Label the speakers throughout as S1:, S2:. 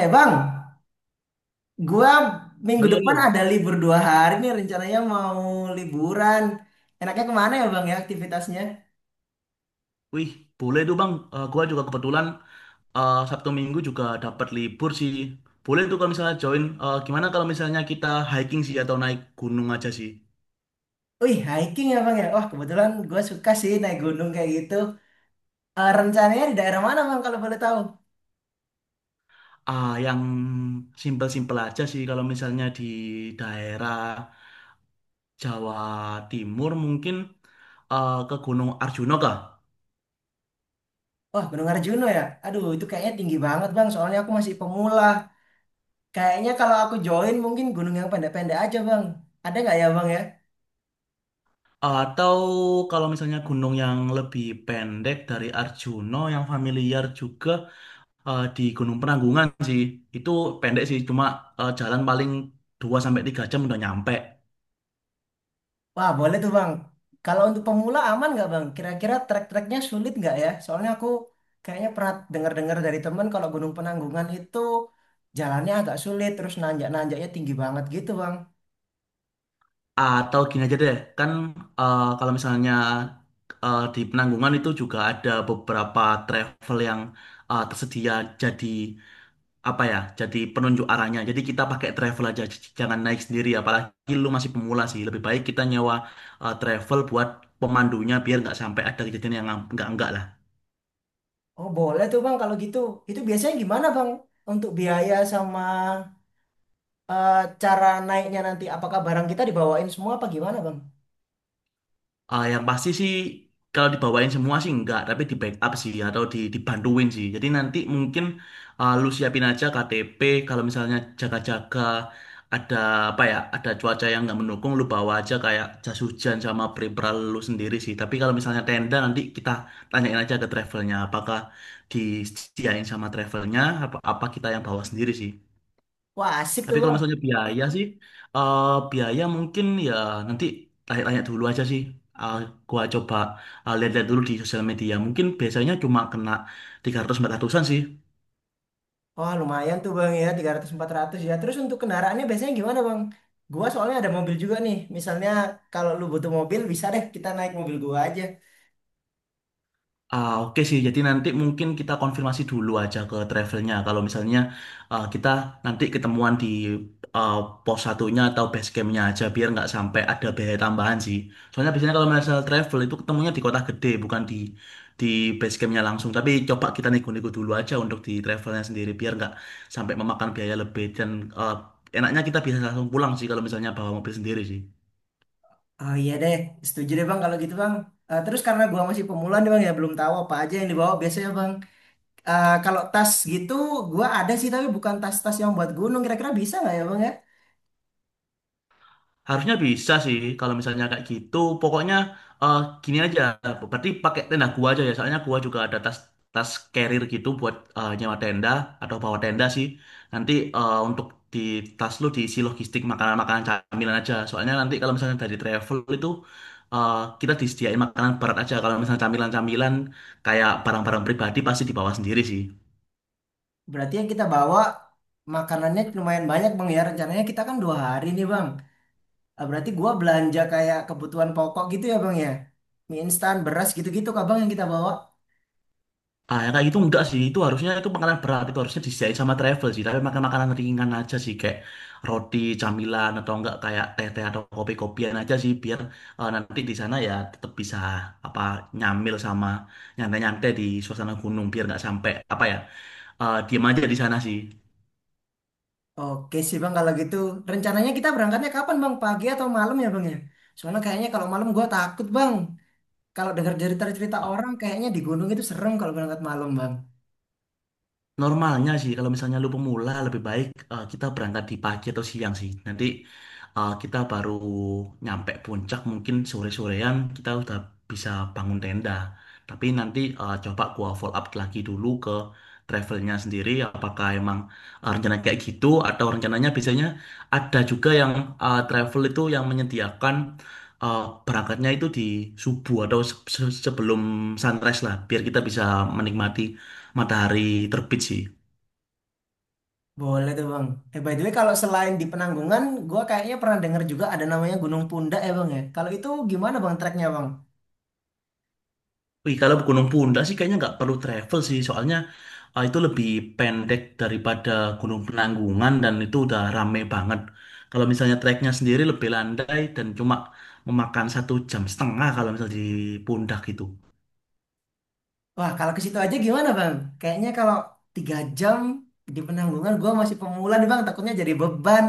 S1: Eh bang, gua minggu
S2: Halo,
S1: depan
S2: halo.
S1: ada libur 2 hari nih rencananya mau liburan. Enaknya kemana ya bang ya aktivitasnya?
S2: Wih, boleh tuh Bang. Gua juga kebetulan Sabtu Minggu juga dapat libur sih. Boleh tuh kalau misalnya join. Gimana kalau misalnya kita hiking sih atau naik gunung aja sih?
S1: Wih hiking ya bang ya. Wah kebetulan gua suka sih naik gunung kayak gitu. Eh, rencananya di daerah mana bang kalau boleh tahu?
S2: Yang simpel-simpel aja sih kalau misalnya di daerah Jawa Timur mungkin ke Gunung Arjuna kah?
S1: Wah Gunung Arjuna ya. Aduh itu kayaknya tinggi banget bang. Soalnya aku masih pemula. Kayaknya kalau aku join mungkin gunung yang pendek-pendek aja bang. Ada nggak ya bang ya?
S2: Atau kalau misalnya gunung yang lebih pendek dari Arjuna yang familiar juga di Gunung Penanggungan sih. Itu pendek sih, cuma jalan paling 2 sampai 3 jam udah nyampe.
S1: Wah, boleh tuh Bang. Kalau untuk pemula aman nggak Bang? Kira-kira trek-treknya sulit nggak ya? Soalnya aku kayaknya pernah dengar-dengar dari temen kalau Gunung Penanggungan itu jalannya agak sulit, terus nanjak-nanjaknya tinggi banget gitu Bang.
S2: Atau gini aja deh, kan kalau misalnya di Penanggungan itu juga ada beberapa travel yang tersedia, jadi apa ya, jadi penunjuk arahnya. Jadi kita pakai travel aja, jangan naik sendiri. Apalagi lu masih pemula sih, lebih baik kita nyewa travel buat pemandunya biar nggak sampai ada kejadian yang nggak lah.
S1: Oh, boleh tuh Bang kalau gitu. Itu biasanya gimana Bang? Untuk biaya sama eh, cara naiknya nanti, apakah barang kita dibawain semua apa gimana Bang?
S2: Yang pasti sih kalau dibawain semua sih enggak, tapi di backup sih atau dibantuin sih. Jadi nanti mungkin lu siapin aja KTP kalau misalnya jaga-jaga ada apa ya, ada cuaca yang nggak mendukung. Lu bawa aja kayak jas hujan sama pre lu sendiri sih. Tapi kalau misalnya tenda, nanti kita tanyain aja ke travelnya apakah disediain sama travelnya apa apa kita yang bawa sendiri sih.
S1: Wah, asik
S2: Tapi
S1: tuh
S2: kalau
S1: Bang.
S2: misalnya biaya sih, eh biaya mungkin ya, nanti tanya-tanya dulu aja sih. Eh, gua coba lihat-lihat dulu di sosial media. Mungkin biasanya cuma kena 300-400an sih.
S1: Wah, lumayan tuh Bang ya, 300-400 ya. Terus untuk kendaraannya biasanya gimana Bang? Gua soalnya ada mobil juga nih. Misalnya kalau lu butuh mobil, bisa deh kita naik mobil gua aja.
S2: Oke sih, jadi nanti mungkin kita konfirmasi dulu aja ke travelnya. Kalau misalnya kita nanti ketemuan di ah, pos satunya atau base campnya aja, biar nggak sampai ada biaya tambahan sih. Soalnya biasanya kalau masalah travel itu ketemunya di kota gede, bukan di base campnya langsung. Tapi coba kita nego-nego dulu aja untuk di travelnya sendiri, biar nggak sampai memakan biaya lebih. Dan ah, enaknya kita bisa langsung pulang sih kalau misalnya bawa mobil sendiri sih.
S1: Oh iya deh, setuju deh Bang kalau gitu Bang. Eh, terus karena gua masih pemula nih Bang ya, belum tahu apa aja yang dibawa biasanya Bang. Eh, kalau tas gitu, gua ada sih tapi bukan tas-tas yang buat gunung. Kira-kira bisa nggak ya Bang ya?
S2: Harusnya bisa sih kalau misalnya kayak gitu. Pokoknya eh, gini aja. Berarti pakai tenda gua aja ya. Soalnya gua juga ada tas tas carrier gitu buat nyewa tenda atau bawa tenda sih. Nanti untuk di tas lu diisi logistik makanan-makanan camilan aja. Soalnya nanti kalau misalnya dari travel itu eh, kita disediain makanan berat aja. Kalau misalnya camilan-camilan kayak barang-barang pribadi pasti dibawa sendiri sih.
S1: Berarti yang kita bawa makanannya lumayan banyak Bang ya. Rencananya kita kan 2 hari nih Bang. Ah, berarti gua belanja kayak kebutuhan pokok gitu ya bang ya? Mie instan, beras gitu-gitu kak bang yang kita bawa.
S2: Yang kayak gitu enggak sih. Itu harusnya itu makanan berat. Itu harusnya disediain sama travel sih. Tapi makan makanan ringan aja sih. Kayak roti, camilan, atau enggak kayak teh-teh atau kopi-kopian aja sih. Biar nanti di sana ya tetap bisa apa nyamil sama nyantai-nyantai di suasana gunung. Biar nggak sampai apa ya diem aja di sana sih.
S1: Oke sih bang kalau gitu. Rencananya kita berangkatnya kapan bang? Pagi atau malam ya bang ya? Soalnya kayaknya kalau malam gua takut bang. Kalau dengar cerita-cerita orang kayaknya di gunung itu serem kalau berangkat malam bang.
S2: Normalnya sih, kalau misalnya lu pemula, lebih baik kita berangkat di pagi atau siang sih. Nanti kita baru nyampe puncak, mungkin sore-sorean kita udah bisa bangun tenda. Tapi nanti coba gua follow up lagi dulu ke travelnya sendiri, apakah emang rencana kayak gitu atau rencananya biasanya ada juga yang travel itu yang menyediakan eh, berangkatnya itu di subuh atau sebelum sunrise lah, biar kita bisa menikmati matahari terbit sih.
S1: Boleh tuh bang. Eh by the way kalau selain di Penanggungan, gua kayaknya pernah dengar juga ada namanya Gunung Pundak ya bang ya. Kalau itu gimana bang treknya bang?
S2: Wih, kalau Gunung Punda sih kayaknya nggak perlu travel sih, soalnya itu lebih pendek daripada Gunung Penanggungan dan itu udah rame banget. Kalau misalnya treknya sendiri lebih landai dan cuma memakan 1 jam setengah kalau misalnya di Pundak gitu.
S1: Wah, kalau ke situ aja gimana, Bang? Kayaknya kalau 3 jam di Penanggungan, gua masih pemula nih, Bang. Takutnya jadi beban.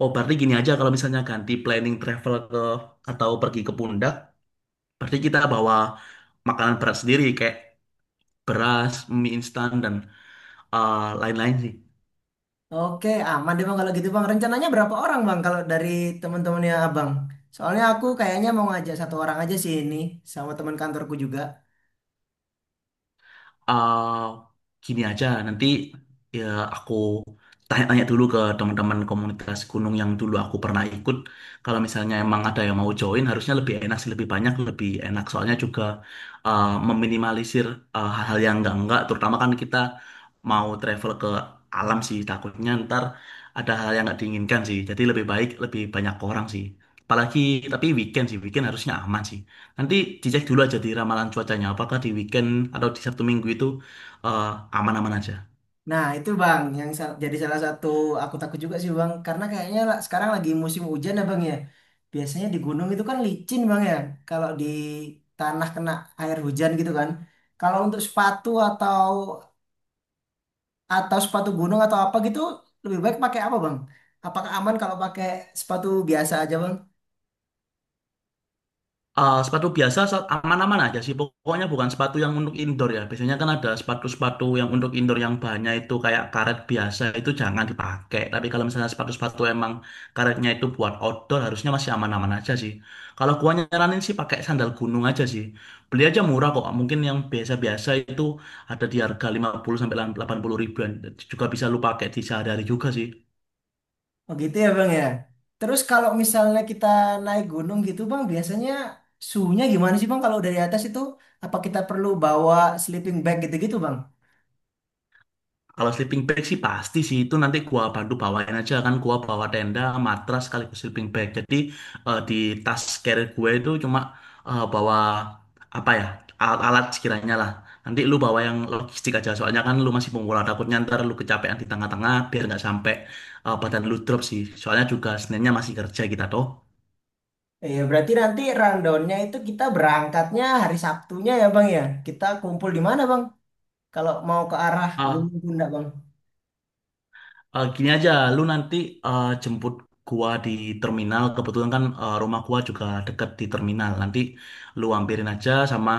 S2: Oh, berarti gini aja, kalau misalnya ganti planning travel ke atau pergi ke Pundak, berarti kita bawa makanan berat sendiri kayak beras, mie instan dan lain-lain sih.
S1: Oke, aman deh, Bang. Kalau gitu, Bang. Rencananya berapa orang, Bang? Kalau dari teman-temannya Abang. Soalnya aku kayaknya mau ngajak satu orang aja sih ini, sama teman kantorku juga.
S2: eh Gini aja, nanti ya aku tanya-tanya dulu ke teman-teman komunitas gunung yang dulu aku pernah ikut. Kalau misalnya emang ada yang mau join, harusnya lebih enak sih, lebih banyak, lebih enak. Soalnya juga meminimalisir hal-hal yang enggak-enggak. Terutama kan kita mau travel ke alam sih, takutnya ntar ada hal yang nggak diinginkan sih. Jadi lebih baik, lebih banyak orang sih. Apalagi tapi weekend sih, weekend harusnya aman sih. Nanti dicek dulu aja di ramalan cuacanya, apakah di weekend atau di Sabtu Minggu itu eh, aman-aman aja.
S1: Nah, itu, Bang, yang jadi salah satu aku takut juga sih, Bang. Karena kayaknya sekarang lagi musim hujan, ya, Bang, ya. Biasanya di gunung itu kan licin, Bang, ya. Kalau di tanah kena air hujan gitu kan. Kalau untuk sepatu atau sepatu gunung atau apa gitu lebih baik pakai apa bang? Apakah aman kalau pakai sepatu biasa aja bang?
S2: Sepatu biasa aman-aman aja sih, pokoknya bukan sepatu yang untuk indoor ya. Biasanya kan ada sepatu-sepatu yang untuk indoor yang banyak itu kayak karet biasa, itu jangan dipakai. Tapi kalau misalnya sepatu-sepatu emang karetnya itu buat outdoor, harusnya masih aman-aman aja sih. Kalau gua nyaranin sih pakai sandal gunung aja sih. Beli aja murah kok, mungkin yang biasa-biasa itu ada di harga 50 sampai 80 ribuan. Juga bisa lu pakai di sehari-hari juga sih.
S1: Oh gitu ya bang ya. Terus kalau misalnya kita naik gunung gitu bang, biasanya suhunya gimana sih bang kalau dari atas itu? Apa kita perlu bawa sleeping bag gitu-gitu bang?
S2: Kalau sleeping bag sih pasti sih itu nanti gua bantu bawain aja, kan gua bawa tenda, matras sekaligus sleeping bag. Jadi di tas carrier gue itu cuma bawa apa ya alat-alat sekiranya lah. Nanti lu bawa yang logistik aja, soalnya kan lu masih pemula, takutnya ntar lu kecapean di tengah-tengah biar nggak sampai badan lu drop sih. Soalnya juga sebenarnya masih kerja kita toh.
S1: Iya berarti nanti rundownnya itu kita berangkatnya hari Sabtunya ya bang ya. Kita kumpul di mana bang? Kalau mau ke arah Gunung Bunda bang.
S2: Gini aja, lu nanti jemput gua di terminal. Kebetulan kan rumah gua juga deket di terminal. Nanti lu ampirin aja sama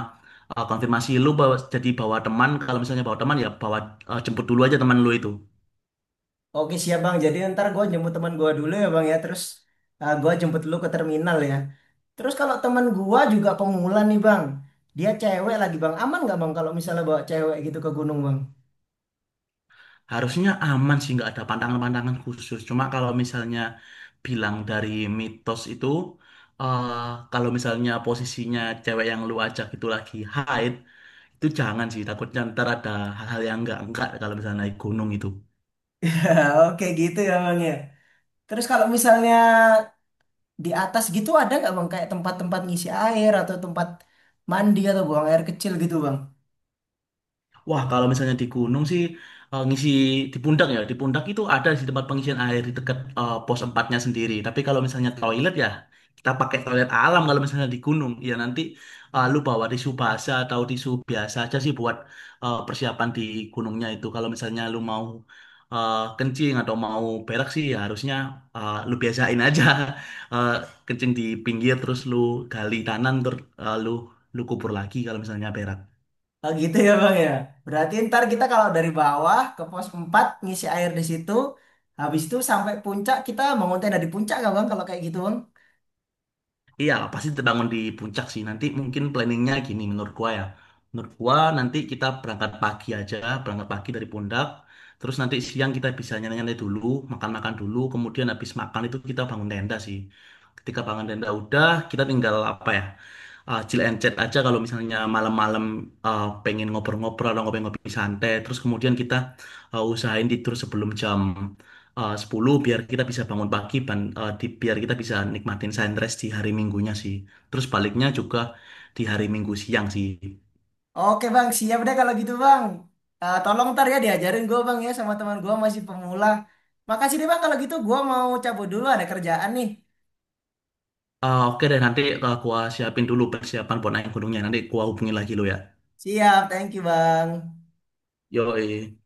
S2: konfirmasi lu bawa, jadi bawa teman. Kalau misalnya bawa teman ya bawa jemput dulu aja teman lu itu.
S1: Oke siap bang, jadi ntar gue jemput teman gue dulu ya bang ya, terus gue jemput lu ke terminal ya. Terus kalau teman gue juga pemula nih bang, dia cewek lagi bang, aman nggak bang kalau misalnya bawa cewek gitu ke gunung bang?
S2: Harusnya aman sih, nggak ada pantangan-pantangan khusus. Cuma kalau misalnya bilang dari mitos itu, eh, kalau misalnya posisinya cewek yang lu ajak itu lagi haid, itu jangan sih. Takutnya ntar ada hal-hal yang nggak enggak kalau misalnya naik gunung itu.
S1: Oke gitu ya bang ya. Terus kalau misalnya di atas gitu ada nggak bang kayak tempat-tempat ngisi air atau tempat mandi atau buang air kecil gitu bang?
S2: Wah, kalau misalnya di gunung sih ngisi di pundak ya. Di pundak itu ada di tempat pengisian air di dekat pos empatnya sendiri. Tapi kalau misalnya toilet ya kita pakai toilet alam kalau misalnya di gunung. Ya nanti lu bawa tisu basah atau tisu biasa aja sih buat persiapan di gunungnya itu. Kalau misalnya lu mau kencing atau mau berak sih ya harusnya lu biasain aja. Eh, Kencing di pinggir, terus lu gali kanan, terus lu lu kubur lagi kalau misalnya berak.
S1: Oh gitu ya Bang ya. Berarti ntar kita kalau dari bawah ke pos 4 ngisi air di situ, habis itu sampai puncak kita mengonten dari puncak nggak Bang kalau kayak gitu Bang?
S2: Iya, pasti terbangun di puncak sih. Nanti mungkin planningnya gini menurut gua ya. Menurut gua nanti kita berangkat pagi aja, berangkat pagi dari Pundak. Terus nanti siang kita bisa nyantai-nyantai dulu, makan-makan dulu. Kemudian habis makan itu kita bangun tenda sih. Ketika bangun tenda udah, kita tinggal apa ya? Chill and chat aja kalau misalnya malam-malam pengen ngobrol-ngobrol atau ngopi-ngopi santai. Terus kemudian kita usahain tidur sebelum jam 10 biar kita bisa bangun pagi, biar kita bisa nikmatin sunrise di hari Minggunya sih. Terus baliknya juga di hari Minggu siang sih.
S1: Oke Bang, siap deh kalau gitu Bang. Eh, tolong ntar ya diajarin gue Bang ya sama teman gue masih pemula. Makasih deh Bang kalau gitu gue mau cabut dulu ada kerjaan nih.
S2: Oke deh, nanti gua siapin dulu persiapan buat naik gunungnya, nanti gua hubungin lagi lo ya.
S1: Siap, thank you Bang.
S2: Yoi.